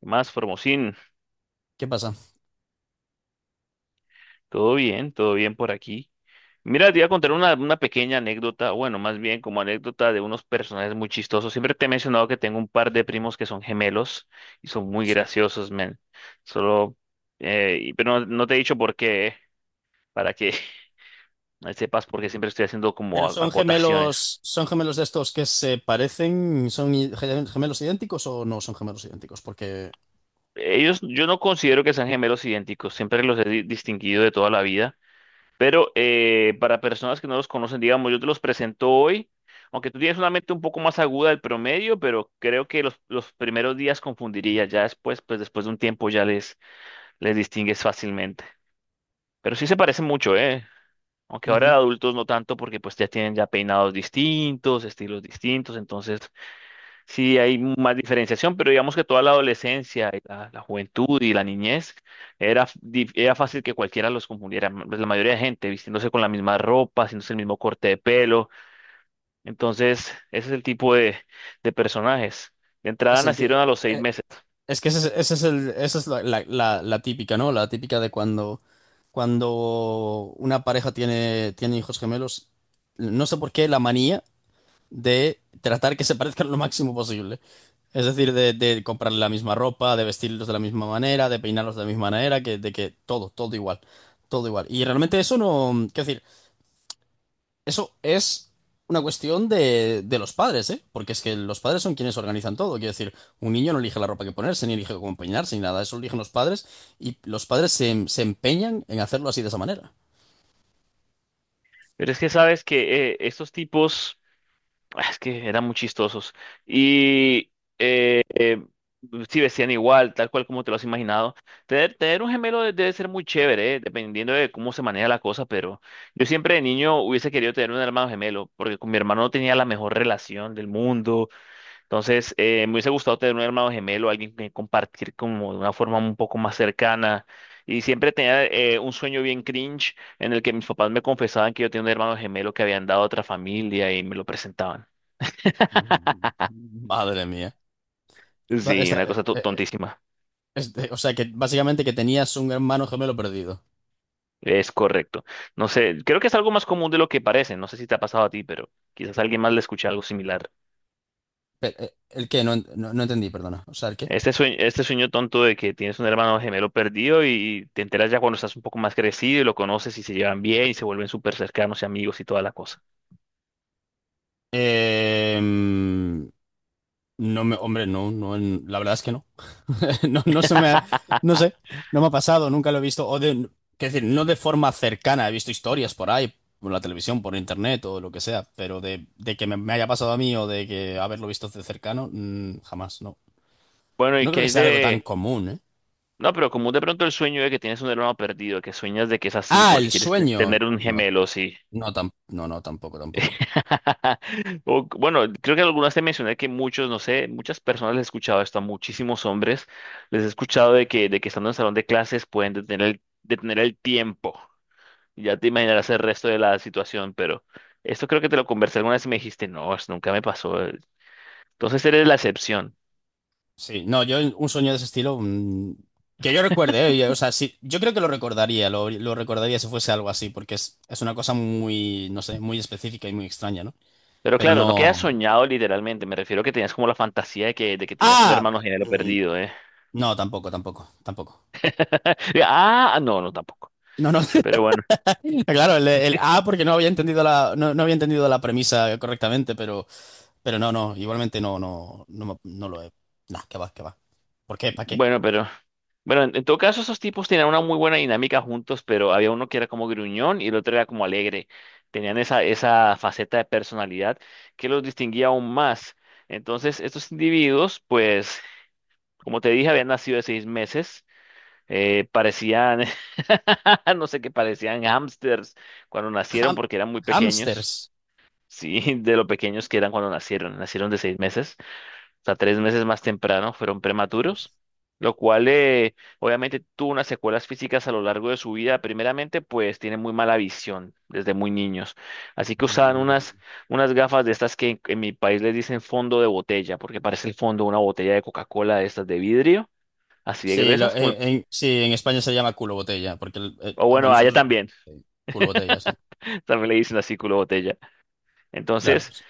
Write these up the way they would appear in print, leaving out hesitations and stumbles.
¿Qué más, Formosín? ¿Qué pasa? Todo bien por aquí. Mira, te iba a contar una pequeña anécdota, bueno, más bien como anécdota de unos personajes muy chistosos. Siempre te he mencionado que tengo un par de primos que son gemelos y son muy Sí. graciosos, men. Solo, pero no te he dicho por qué, para que sepas, porque siempre estoy haciendo como Pero acotaciones. Son gemelos de estos que se parecen, gemelos idénticos o no son gemelos idénticos, porque… Ellos, yo no considero que sean gemelos idénticos, siempre los he distinguido de toda la vida. Pero para personas que no los conocen, digamos, yo te los presento hoy, aunque tú tienes una mente un poco más aguda del promedio, pero creo que los primeros días confundiría, ya después, pues después de un tiempo ya les distingues fácilmente. Pero sí se parecen mucho, ¿eh? Aunque ahora de Ujú. adultos no tanto porque pues ya tienen ya peinados distintos, estilos distintos, entonces sí, hay más diferenciación, pero digamos que toda la adolescencia, y la juventud y la niñez era, era fácil que cualquiera los confundiera. Pues, la mayoría de gente vistiéndose con la misma ropa, haciéndose el mismo corte de pelo. Entonces, ese es el tipo de personajes. De entrada Es el ti- nacieron a los seis eh, meses. es que ese es el, esa es la, la- la- la típica, ¿no? La típica de cuando cuando una pareja tiene tiene hijos gemelos, no sé por qué la manía de tratar que se parezcan lo máximo posible. Es decir, de comprarle la misma ropa, de vestirlos de la misma manera, de peinarlos de la misma manera, que, de que todo, todo igual. Y realmente eso no, quiero decir, eso es una cuestión de los padres, ¿eh? Porque es que los padres son quienes organizan todo. Quiero decir, un niño no elige la ropa que ponerse, ni elige cómo peinarse, ni nada. Eso lo eligen los padres, y los padres se, se empeñan en hacerlo así de esa manera. Pero es que sabes que estos tipos. Ah, es que eran muy chistosos. Y eh, eh, sí vestían igual, tal cual como te lo has imaginado. Tener un gemelo debe ser muy chévere, dependiendo de cómo se maneja la cosa, pero yo siempre de niño hubiese querido tener un hermano gemelo, porque con mi hermano no tenía la mejor relación del mundo. Entonces, me hubiese gustado tener un hermano gemelo, alguien que compartir como de una forma un poco más cercana. Y siempre tenía un sueño bien cringe en el que mis papás me confesaban que yo tenía un hermano gemelo que habían dado a otra familia y me lo presentaban. Madre mía. Va- Sí, esta- una eh, cosa eh, tontísima. o sea que básicamente que tenías un hermano gemelo perdido. Es correcto. No sé, creo que es algo más común de lo que parece. No sé si te ha pasado a ti, pero quizás a alguien más le escuche algo similar. ¿El qué? No, no, no entendí, perdona. O sea, ¿el qué? Este sueño tonto de que tienes un hermano gemelo perdido y te enteras ya cuando estás un poco más crecido y lo conoces y se llevan bien y se vuelven súper cercanos y amigos y toda la cosa. Eh, mm, no me, hombre, no, no, la verdad es que no. No, no sé, no me ha pasado, nunca lo he visto. O de, quiero decir, no de forma cercana. He visto historias por ahí, por la televisión, por internet o lo que sea, pero de que me haya pasado a mí o de que haberlo visto de cercano, mm, jamás, no. Bueno, No ¿y creo qué que hay sea algo tan de...? común, ¿eh? No, pero común de pronto el sueño de que tienes un hermano perdido, que sueñas de que es así Ah, porque el quieres sueño. tener un No, gemelo, sí. no, no, no, tampoco, tampoco. Bueno, creo que algunas te mencioné que muchos, no sé, muchas personas les he escuchado esto a muchísimos hombres. Les he escuchado de que estando en el salón de clases pueden detener el tiempo. Ya te imaginarás el resto de la situación, pero esto creo que te lo conversé alguna vez y me dijiste, no, eso nunca me pasó. Entonces eres la excepción. Sí, no, yo un sueño de ese estilo, que yo recuerde, ¿eh? Y, o sea, sí, yo creo que lo recordaría si fuese algo así, porque es una cosa muy, no sé, muy específica y muy extraña, ¿no? Pero Pero claro, no quedas no… soñado literalmente. Me refiero a que tenías como la fantasía de que tenías un ¡Ah! hermano gemelo Mm, perdido, ¿eh? No, tampoco, tampoco, tampoco. Ah, no, no, tampoco. No, no, Pero bueno, claro, porque no había entendido la, no, no había entendido la premisa correctamente, pero no, no, igualmente no, no, no, no lo he. Nah, que va, que va. ¿Por qué? ¿Para qué? bueno, pero. Bueno, en todo caso, esos tipos tenían una muy buena dinámica juntos, pero había uno que era como gruñón y el otro era como alegre. Tenían esa faceta de personalidad que los distinguía aún más. Entonces, estos individuos, pues, como te dije, habían nacido de 6 meses. Parecían, no sé qué, parecían hámsters cuando nacieron Ham- porque eran muy pequeños. hamsters. Sí, de lo pequeños que eran cuando nacieron. Nacieron de 6 meses sea, 3 meses más temprano, fueron prematuros, lo cual obviamente tuvo unas secuelas físicas a lo largo de su vida. Primeramente, pues tienen muy mala visión desde muy niños. Así que usaban unas, Mm. unas gafas de estas que en mi país les dicen fondo de botella, porque parece el fondo de una botella de Coca-Cola de estas de vidrio, así de Sí, gruesas, sí, en España se llama culo botella, porque o bueno, bueno, allá nosotros también, eh, culo botella, sí. también le dicen así culo de botella. Claro. Entonces... Sí.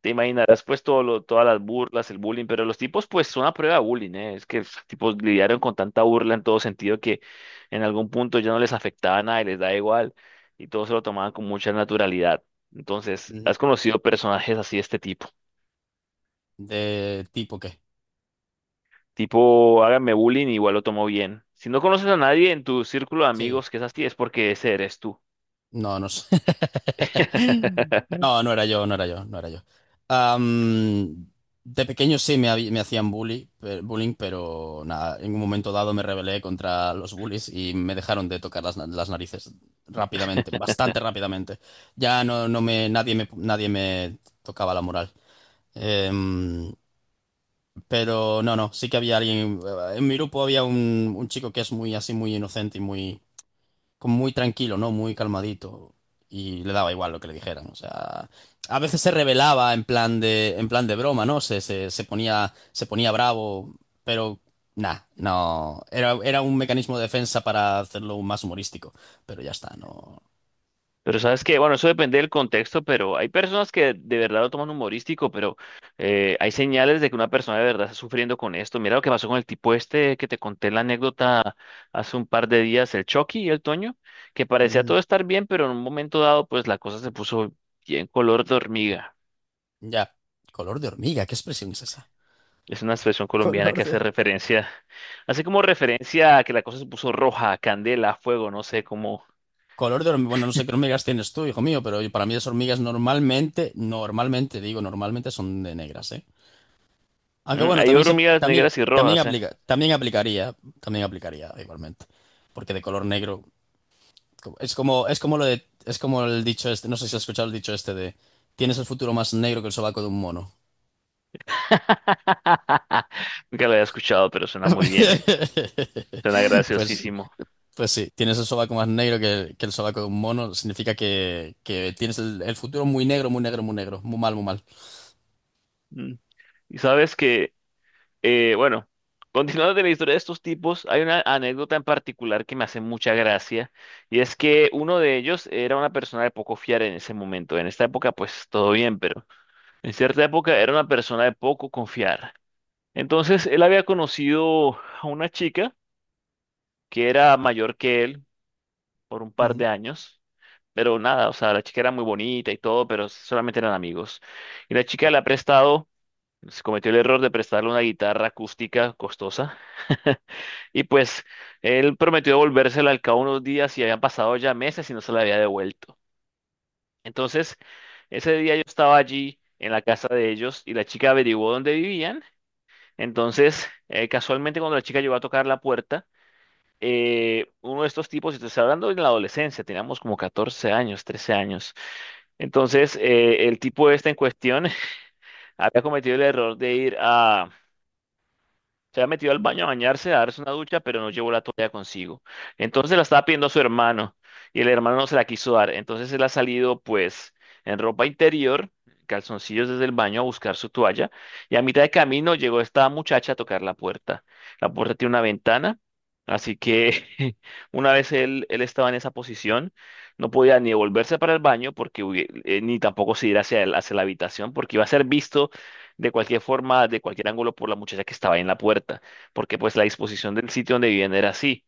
Te imaginarás pues todas las burlas, el bullying, pero los tipos pues son a prueba de bullying, ¿eh? Es que los tipos lidiaron con tanta burla en todo sentido que en algún punto ya no les afectaba nada y les da igual y todos se lo tomaban con mucha naturalidad. Entonces, ¿has Ujú. conocido personajes así de este tipo? ¿De tipo qué? Tipo, háganme bullying, igual lo tomo bien. Si no conoces a nadie en tu círculo de Sí. amigos que es así, es porque ese eres tú. No, no sé. No, no era yo, no era yo, no era yo. Am, de pequeño sí me, me hacían bullying, pero nada, en un momento dado me rebelé contra los bullies y me dejaron de tocar las, las narices rápidamente, bastante rápidamente. Ya no, no me, nadie me, nadie me tocaba la moral. Em, Pero no, no, sí que había alguien. En mi grupo había un chico que es muy así, muy inocente y muy, como muy tranquilo, ¿no? Muy calmadito. Y le daba igual lo que le dijeran. O sea, a veces se rebelaba en plan de broma, ¿no? Se, se ponía bravo, pero nada, no. Era, era un mecanismo de defensa para hacerlo más humorístico. Pero ya está, no. Pero sabes que, bueno, eso depende del contexto, pero hay personas que de verdad lo toman humorístico, pero hay señales de que una persona de verdad está sufriendo con esto. Mira lo que pasó con el tipo este que te conté la anécdota hace un par de días, el Chucky y el Toño, que parecía Mm, todo estar bien, pero en un momento dado, pues la cosa se puso bien color de hormiga. ya. Color de hormiga, ¿qué expresión es esa? Es una expresión colombiana Color que de… hace referencia, hace como referencia a que la cosa se puso roja, candela, fuego, no sé, como color de hormigas. Bueno, no sé qué hormigas tienes tú, hijo mío, pero para mí las hormigas normalmente, normalmente, digo, normalmente son de negras, ¿eh? Aunque mm, bueno, hay hormigas negras y también rojas, ¿eh? aplica, también aplicaría igualmente. Porque de color negro es como lo de, es como el dicho este, no sé si has escuchado el dicho este de… tienes el futuro más negro que el sobaco de un mono. Nunca lo había escuchado, pero suena muy bien, ¿eh? Suena Pues, graciosísimo. pues sí, tienes el sobaco más negro que el sobaco de un mono, significa que tienes el futuro muy negro, muy negro, muy negro, muy mal, muy mal. Mm. Y sabes que, bueno, continuando de la historia de estos tipos, hay una anécdota en particular que me hace mucha gracia, y es que uno de ellos era una persona de poco fiar en ese momento. En esta época, pues todo bien, pero en cierta época era una persona de poco confiar. Entonces, él había conocido a una chica que era mayor que él por un par Ujú. de años. Pero nada, o sea, la chica era muy bonita y todo, pero solamente eran amigos. Y la chica le ha prestado, se cometió el error de prestarle una guitarra acústica costosa. Y pues él prometió devolvérsela al cabo de unos días y habían pasado ya meses y no se la había devuelto. Entonces, ese día yo estaba allí en la casa de ellos y la chica averiguó dónde vivían. Entonces, casualmente cuando la chica llegó a tocar la puerta, uno de estos tipos, y te estoy hablando en la adolescencia, teníamos como 14 años, 13 años, entonces, el tipo este en cuestión había cometido el error de se había metido al baño a bañarse, a darse una ducha, pero no llevó la toalla consigo. Entonces la estaba pidiendo a su hermano y el hermano no se la quiso dar. Entonces él ha salido pues en ropa interior, calzoncillos desde el baño a buscar su toalla y a mitad de camino llegó esta muchacha a tocar la puerta. La puerta tiene una ventana, así que una vez él estaba en esa posición, no podía ni volverse para el baño porque ni tampoco se ir hacia, hacia la habitación porque iba a ser visto de cualquier forma, de cualquier ángulo por la muchacha que estaba ahí en la puerta, porque pues la disposición del sitio donde vivían era así.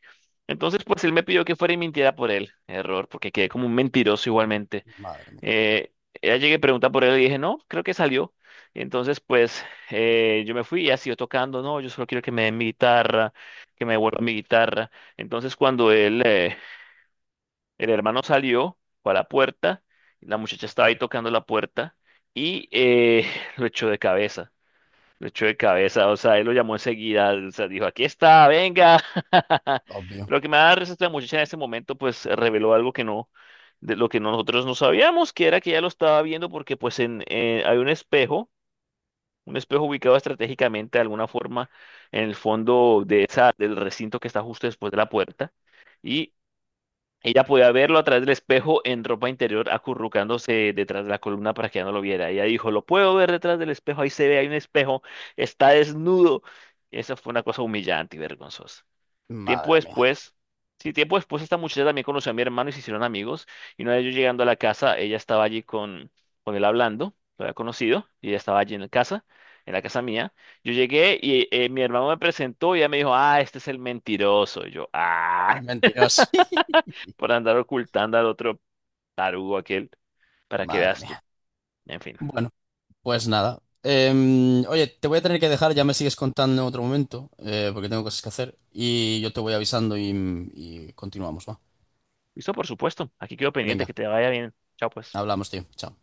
Entonces, pues él me pidió que fuera y mintiera por él. Error, porque quedé como un mentiroso igualmente. Madre mía, Eh, ella llegué, pregunta por él y dije, no, creo que salió. Entonces, pues yo me fui y ha siguió tocando, no, yo solo quiero que me den mi guitarra, que me devuelva mi guitarra. Entonces, cuando el hermano salió para la puerta, la muchacha estaba ahí tocando la puerta y lo echó de cabeza. Lo echó de cabeza, o sea, él lo llamó enseguida, o sea, dijo, aquí está, venga. obvio. Pero lo que me da risa es que la muchacha en ese momento, pues, reveló algo que no, de lo que nosotros no sabíamos, que era que ella lo estaba viendo porque, pues, hay un espejo ubicado estratégicamente de alguna forma en el fondo de esa, del recinto que está justo después de la puerta. Y ella podía verlo a través del espejo en ropa interior, acurrucándose detrás de la columna para que ya no lo viera. Ella dijo, lo puedo ver detrás del espejo, ahí se ve, hay un espejo, está desnudo. Esa fue una cosa humillante y vergonzosa. Tiempo Madre mía. después, sí, tiempo después esta muchacha también conoció a mi hermano y se hicieron amigos. Y una vez yo llegando a la casa, ella estaba allí con él hablando, lo había conocido, y ella estaba allí en la casa mía. Yo llegué y mi hermano me presentó y ella me dijo, ah, este es el mentiroso. Y yo, ah Mentiras. por andar ocultando al otro tarugo aquel, para que Madre veas tú. mía. En fin. Bueno, pues nada. Oye, te voy a tener que dejar, ya me sigues contando en otro momento, porque tengo cosas que hacer. Y yo te voy avisando y continuamos, ¿va? Listo, por supuesto. Aquí quedo pendiente, Venga, que te vaya bien. Chao, pues. hablamos, tío. Chao.